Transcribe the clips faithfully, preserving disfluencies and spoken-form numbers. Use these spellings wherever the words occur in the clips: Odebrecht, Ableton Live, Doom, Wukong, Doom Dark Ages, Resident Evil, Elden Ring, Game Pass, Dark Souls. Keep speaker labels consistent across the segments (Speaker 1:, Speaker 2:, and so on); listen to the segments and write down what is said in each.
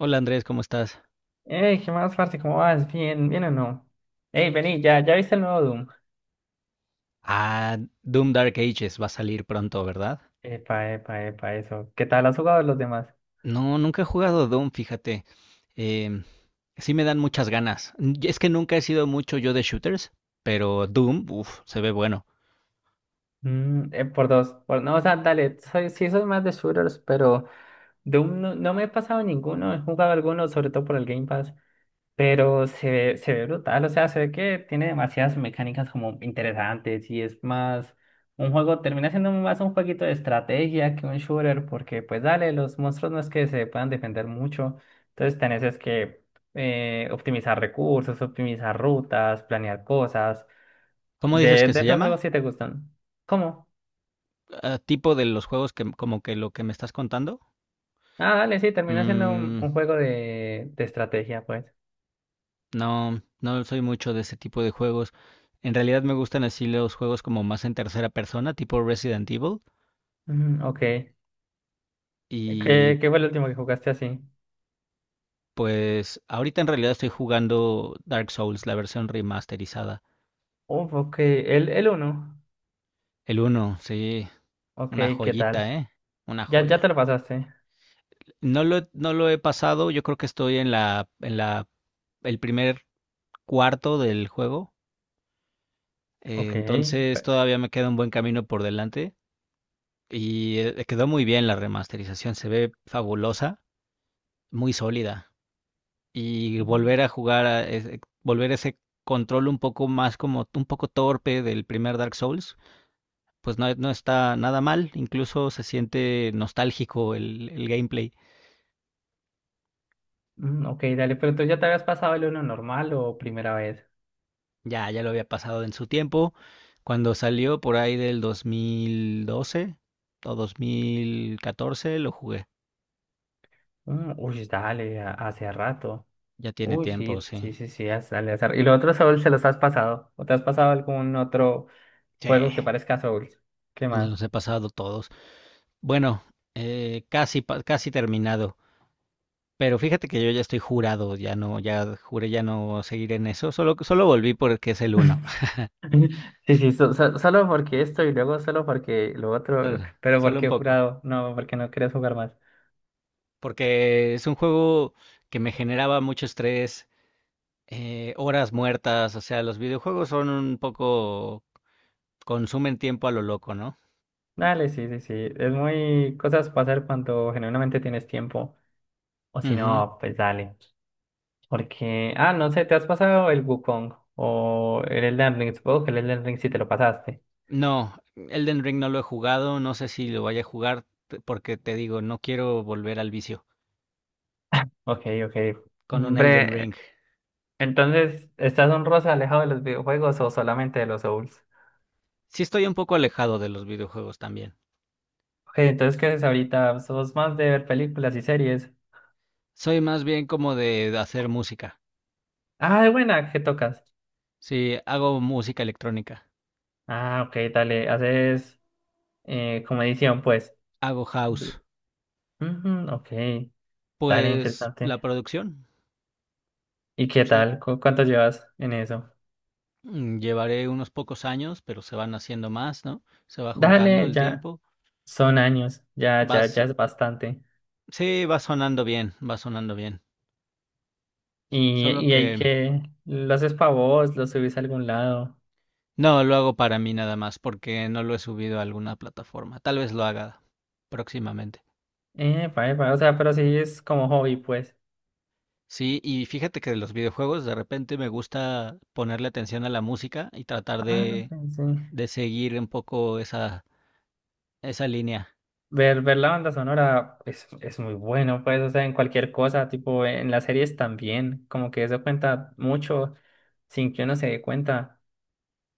Speaker 1: Hola Andrés, ¿cómo estás?
Speaker 2: Ey, ¿qué más, parce? ¿Cómo vas? ¿Bien, bien o no? Ey, vení, ¿ya, ya viste el nuevo Doom?
Speaker 1: Ah, Doom Dark Ages va a salir pronto, ¿verdad?
Speaker 2: Epa, epa, epa, eso. ¿Qué tal has jugado los demás?
Speaker 1: No, nunca he jugado Doom, fíjate. Em, sí me dan muchas ganas. Y es que nunca he sido mucho yo de shooters, pero Doom, uff, se ve bueno.
Speaker 2: Mm, eh, por dos. Por, no, o sea, dale, soy, sí soy más de shooters, pero Doom no, no me he pasado ninguno, he jugado algunos, sobre todo por el Game Pass. Pero se ve, se ve brutal, o sea, se ve que tiene demasiadas mecánicas como interesantes y es más un juego, termina siendo más un jueguito de estrategia que un shooter, porque pues dale, los monstruos no es que se puedan defender mucho, entonces tenés es que eh, optimizar recursos, optimizar rutas, planear cosas.
Speaker 1: ¿Cómo dices
Speaker 2: De,
Speaker 1: que
Speaker 2: de
Speaker 1: se
Speaker 2: estos juegos
Speaker 1: llama?
Speaker 2: sí te gustan. ¿Cómo?
Speaker 1: Ah, tipo de los juegos que como que lo que me estás contando.
Speaker 2: Ah, dale, sí, termina siendo un,
Speaker 1: Mm,
Speaker 2: un juego de, de estrategia, pues.
Speaker 1: no, no soy mucho de ese tipo de juegos. En realidad me gustan así los juegos como más en tercera persona, tipo Resident Evil.
Speaker 2: Mm, ok. ¿Qué, qué fue el último que jugaste así?
Speaker 1: Pues ahorita en realidad estoy jugando Dark Souls, la versión remasterizada.
Speaker 2: Uf, ok, el, el uno.
Speaker 1: El uno sí,
Speaker 2: Ok,
Speaker 1: una
Speaker 2: ¿qué tal?
Speaker 1: joyita, ¿eh? Una
Speaker 2: Ya, ya te
Speaker 1: joya.
Speaker 2: lo pasaste.
Speaker 1: No lo, he- no lo he pasado, yo creo que estoy en la, en la, el primer cuarto del juego, eh,
Speaker 2: Ok.
Speaker 1: entonces
Speaker 2: pe-
Speaker 1: todavía me queda un buen camino por delante y eh, quedó muy bien la remasterización, se ve fabulosa, muy sólida y volver a jugar a ese- volver ese control un poco más como un poco torpe del primer Dark Souls, pues no, no está nada mal, incluso se siente nostálgico el, el gameplay.
Speaker 2: mm, ok, dale, pero entonces ya te habías pasado el uno normal o primera vez.
Speaker 1: Ya, ya lo había pasado en su tiempo, cuando salió por ahí del dos mil doce o dos mil catorce, lo jugué.
Speaker 2: Mm, uy, dale, a- hace rato.
Speaker 1: Ya tiene
Speaker 2: Uy,
Speaker 1: tiempo,
Speaker 2: sí,
Speaker 1: sí.
Speaker 2: sí, sí, sí, haz- dale, hace… ¿Y los otros Souls se los has pasado? ¿O te has pasado algún otro
Speaker 1: Sí,
Speaker 2: juego que parezca Souls? ¿Qué
Speaker 1: me
Speaker 2: más?
Speaker 1: los he pasado todos. Bueno, eh, casi, pa- casi terminado. Pero fíjate que yo ya estoy jurado, ya no, ya juré ya no seguir en eso. Solo, solo volví porque es el uno.
Speaker 2: Sí, sí, so- so- solo porque esto y luego solo porque lo otro,
Speaker 1: Solo,
Speaker 2: pero
Speaker 1: solo un
Speaker 2: porque he
Speaker 1: poco.
Speaker 2: jurado, no, porque no quieres jugar más.
Speaker 1: Porque es un juego que me generaba mucho estrés, eh, horas muertas, o sea, los videojuegos son un poco, consumen tiempo a lo loco, ¿no?
Speaker 2: Dale, sí, sí, sí, es muy cosas pasar cuando genuinamente tienes tiempo. O si
Speaker 1: Ujú.
Speaker 2: no, pues dale. Porque, ah, no sé, ¿te has pasado el Wukong o el Elden Ring? Supongo que el Elden Ring sí te lo pasaste.
Speaker 1: No, Elden Ring no lo he jugado, no sé si lo vaya a jugar t- porque te digo, no quiero volver al vicio
Speaker 2: Ok, ok.
Speaker 1: con un Elden
Speaker 2: Hombre,
Speaker 1: Ring.
Speaker 2: entonces, ¿estás un rosa alejado de los videojuegos o solamente de los Souls?
Speaker 1: Sí estoy un poco alejado de los videojuegos también.
Speaker 2: Ok, entonces, ¿qué haces ahorita? ¿Sos más de ver películas y series?
Speaker 1: Soy más bien como de de hacer música.
Speaker 2: Ah, de buena, ¿qué tocas?
Speaker 1: Sí, hago música electrónica,
Speaker 2: Ah, ok, dale, haces eh, como edición, pues.
Speaker 1: hago house,
Speaker 2: Ujú, ok, dale,
Speaker 1: pues
Speaker 2: interesante.
Speaker 1: la producción,
Speaker 2: ¿Y qué
Speaker 1: sí.
Speaker 2: tal? ¿Cu- ¿Cuánto llevas en eso?
Speaker 1: Mm, Llevaré unos pocos años, pero se van haciendo más, ¿no? Se va juntando
Speaker 2: Dale,
Speaker 1: el
Speaker 2: ya.
Speaker 1: tiempo.
Speaker 2: Son años, ya, ya,
Speaker 1: Vas,
Speaker 2: ya es bastante.
Speaker 1: sí, va sonando bien, va sonando bien.
Speaker 2: Y,
Speaker 1: Solo
Speaker 2: y hay
Speaker 1: que
Speaker 2: que, los haces para vos, los subís a algún lado.
Speaker 1: no lo hago para mí nada más, porque no lo he subido a alguna plataforma. Tal vez lo haga próximamente.
Speaker 2: Eh, para, o sea, pero sí es como hobby, pues.
Speaker 1: Sí, y fíjate que de los videojuegos de repente me gusta ponerle atención a la música y tratar
Speaker 2: Ah,
Speaker 1: de,
Speaker 2: sí, sí.
Speaker 1: de seguir un poco esa, esa línea.
Speaker 2: Ver, ver la banda sonora es, es muy bueno, pues, o sea, en cualquier cosa, tipo en las series también, como que eso cuenta mucho sin que uno se dé cuenta.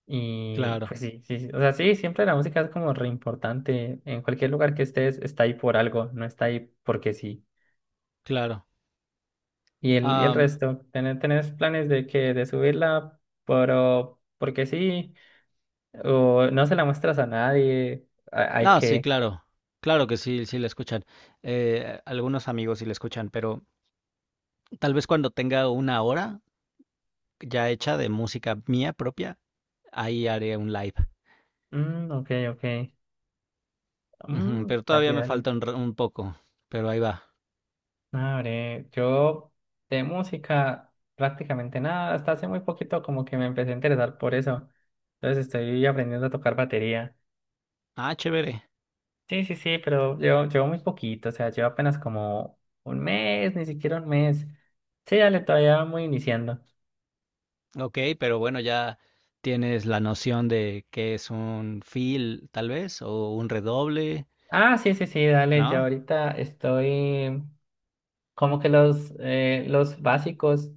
Speaker 2: Y
Speaker 1: Claro,
Speaker 2: pues sí, sí, sí, o sea, sí, siempre la música es como re importante. En cualquier lugar que estés, está ahí por algo, no está ahí porque sí.
Speaker 1: claro.
Speaker 2: Y el, y el resto, ¿Tené- tenés planes de que de subirla, pero porque sí? ¿O no se la muestras a nadie? Ha- Hay
Speaker 1: No, sí,
Speaker 2: que…
Speaker 1: claro. Claro que sí, sí la escuchan. Eh, algunos amigos sí la escuchan, pero tal vez cuando tenga una hora ya hecha de música mía propia, ahí haré un live.
Speaker 2: Mm, ok, ok.
Speaker 1: Ujú,
Speaker 2: Mm,
Speaker 1: pero
Speaker 2: dale,
Speaker 1: todavía me
Speaker 2: dale.
Speaker 1: falta un, ra- un poco, pero ahí va.
Speaker 2: Abre, yo de música prácticamente nada, hasta hace muy poquito como que me empecé a interesar por eso. Entonces estoy aprendiendo a tocar batería.
Speaker 1: Ah, chévere.
Speaker 2: Sí, sí, sí, pero llevo, llevo muy poquito, o sea, llevo apenas como un mes, ni siquiera un mes. Sí, dale, todavía muy iniciando.
Speaker 1: Ok, pero bueno, ya tienes la noción de qué es un fill, tal vez, o un redoble,
Speaker 2: Ah, sí, sí, sí, dale, yo
Speaker 1: ¿no?
Speaker 2: ahorita estoy como que los, eh, los básicos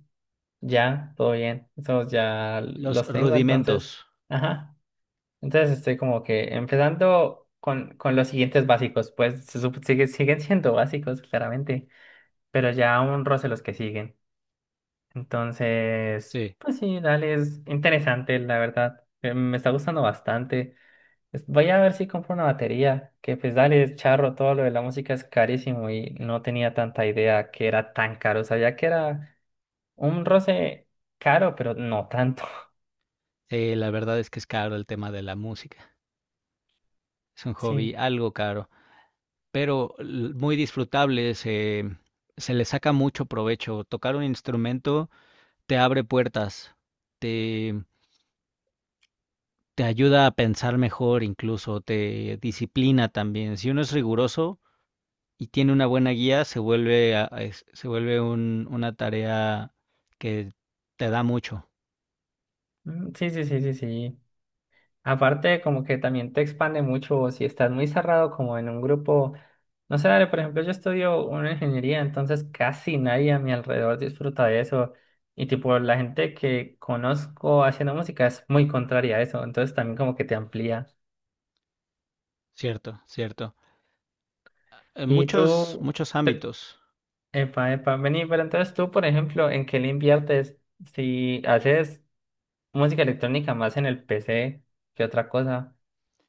Speaker 2: ya, todo bien, esos ya
Speaker 1: Los
Speaker 2: los tengo, entonces,
Speaker 1: rudimentos.
Speaker 2: ajá, entonces estoy como que empezando con, con los siguientes básicos, pues se sup- sigue- siguen siendo básicos, claramente, pero ya un roce los que siguen, entonces,
Speaker 1: Sí.
Speaker 2: pues sí, dale, es interesante, la verdad, eh, me está gustando bastante. Es- Voy a ver si compro una batería, que pues dale, es charro, todo lo de la música es carísimo y no tenía tanta idea que era tan caro. Sabía que era un roce caro, pero no tanto.
Speaker 1: Sí, la verdad es que es caro el tema de la música. Es un hobby
Speaker 2: Sí,
Speaker 1: algo caro, pero l- muy disfrutable, se, se le saca mucho provecho. Tocar un instrumento te abre puertas, te, te ayuda a pensar mejor incluso, te disciplina también. Si uno es riguroso y tiene una buena guía, se vuelve, a- a- es- se vuelve un- una tarea que te da mucho,
Speaker 2: mm, sí, sí, sí, sí, sí. Aparte, como que también te expande mucho si estás muy cerrado como en un grupo. No sé, dale, por ejemplo, yo estudio una ingeniería, entonces casi nadie a mi alrededor disfruta de eso. Y tipo, la gente que conozco haciendo música es muy contraria a eso, entonces también como que te amplía.
Speaker 1: cierto, cierto. En
Speaker 2: Y
Speaker 1: muchos,
Speaker 2: tú,
Speaker 1: muchos
Speaker 2: te-
Speaker 1: ámbitos.
Speaker 2: epa, epa, vení, pero entonces tú, por ejemplo, ¿en qué le inviertes? Si haces música electrónica más en el P C que otra cosa,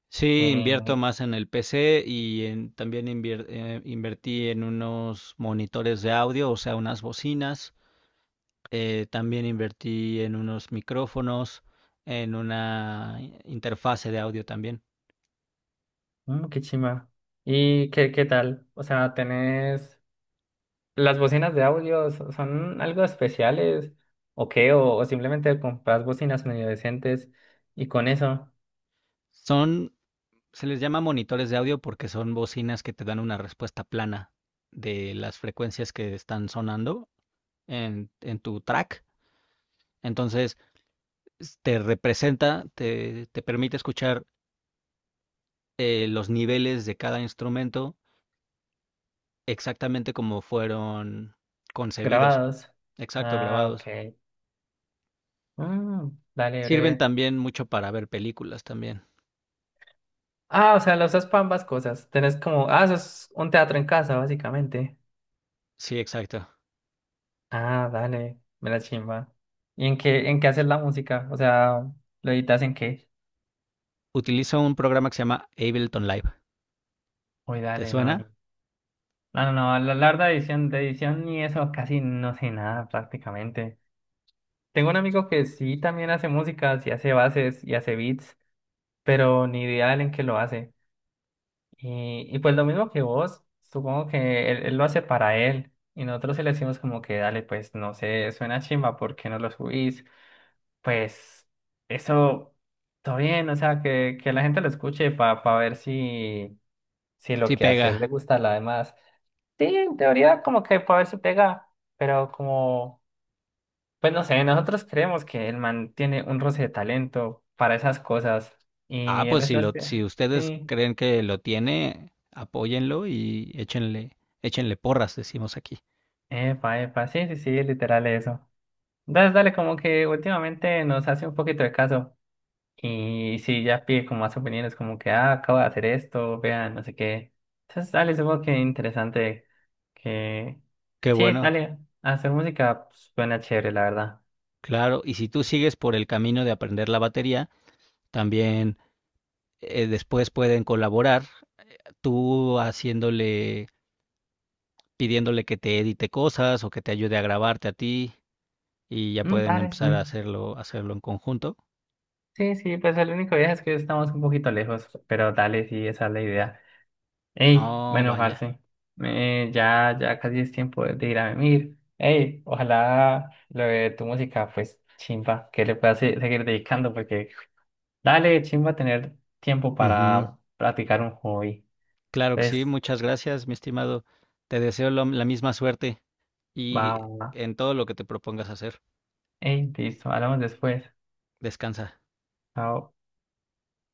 Speaker 1: Sí, invierto
Speaker 2: eh,
Speaker 1: más en el P C y en- también invier- eh, invertí en unos monitores de audio, o sea, unas bocinas. Eh, también invertí en unos micrófonos, en una i- interfase de audio también.
Speaker 2: mm, qué chima. ¿Y qué, qué tal? O sea, ¿tenés las bocinas de audio? so- ¿Son algo especiales? ¿O qué? ¿O, o simplemente compras bocinas medio decentes y con eso
Speaker 1: Son, se les llama monitores de audio porque son bocinas que te dan una respuesta plana de las frecuencias que están sonando en, en tu track. Entonces, s- te representa, te, te permite escuchar eh, los niveles de cada instrumento exactamente como fueron concebidos,
Speaker 2: grabados?
Speaker 1: exacto,
Speaker 2: Ah,
Speaker 1: grabados.
Speaker 2: ok. Mm, dale,
Speaker 1: Sirven
Speaker 2: breve.
Speaker 1: también mucho para ver películas también.
Speaker 2: Ah, o sea, lo usas para ambas cosas. Tenés como, ah, eso es un teatro en casa, básicamente.
Speaker 1: Sí, exacto.
Speaker 2: Ah, dale, me la chimba. ¿Y en qué, en qué haces la música? O sea, ¿lo editas en qué?
Speaker 1: Utilizo un programa que se llama Ableton Live.
Speaker 2: Uy,
Speaker 1: ¿Te
Speaker 2: dale, no, ni…
Speaker 1: suena?
Speaker 2: No, no, no, la larga edición, de edición ni eso, casi no sé nada prácticamente. Tengo un amigo que sí también hace música, sí hace bases y hace beats, pero ni idea de él en qué lo hace. Y, y pues lo mismo que vos, supongo que él, él lo hace para él. Y nosotros sí le decimos como que dale, pues no sé, suena chimba, ¿por qué no lo subís? Pues eso, todo bien, o sea, que, que la gente lo escuche para ver si, si lo
Speaker 1: Sí
Speaker 2: que
Speaker 1: pega.
Speaker 2: hacer le gusta a la demás. Sí, en teoría como que para ver si pega, pero como, pues no sé, nosotros creemos que el man tiene un roce de talento para esas cosas.
Speaker 1: Ah,
Speaker 2: Y él
Speaker 1: pues si
Speaker 2: está…
Speaker 1: lo, si ustedes
Speaker 2: Sí,
Speaker 1: creen que lo tiene, apóyenlo y échenle, échenle porras, decimos aquí.
Speaker 2: epa, epa, sí, sí, sí, literal eso. Entonces, dale, como que últimamente nos hace un poquito de caso. Y sí, ya pide como más opiniones, como que, ah, acabo de hacer esto, vean, no sé qué. Entonces, dale, supongo que interesante que…
Speaker 1: Qué
Speaker 2: Sí,
Speaker 1: bueno,
Speaker 2: dale, hacer música pues, suena chévere, la verdad.
Speaker 1: claro. Y si tú sigues por el camino de aprender la batería, también eh, después pueden colaborar, tú haciéndole pidiéndole que te edite cosas o que te ayude a grabarte a ti y ya
Speaker 2: Mm,
Speaker 1: pueden
Speaker 2: dale,
Speaker 1: empezar a
Speaker 2: sí.
Speaker 1: hacerlo, hacerlo en conjunto.
Speaker 2: Sí, sí, pues el único viaje es que estamos un poquito lejos, pero dale, sí, esa es la idea. Hey,
Speaker 1: Oh,
Speaker 2: bueno,
Speaker 1: vaya.
Speaker 2: parce, eh, ya, ya casi es tiempo de, de ir a venir. Hey, ojalá lo de tu música, pues, chimba, que le puedas se- seguir dedicando, porque dale, chimba, tener tiempo
Speaker 1: Ujú.
Speaker 2: para practicar un hobby.
Speaker 1: Claro que sí,
Speaker 2: Entonces,
Speaker 1: muchas gracias, mi estimado. Te deseo lo- la misma suerte y
Speaker 2: va,
Speaker 1: en todo lo que te propongas hacer.
Speaker 2: hey, listo, hablamos después.
Speaker 1: Descansa.
Speaker 2: Chao.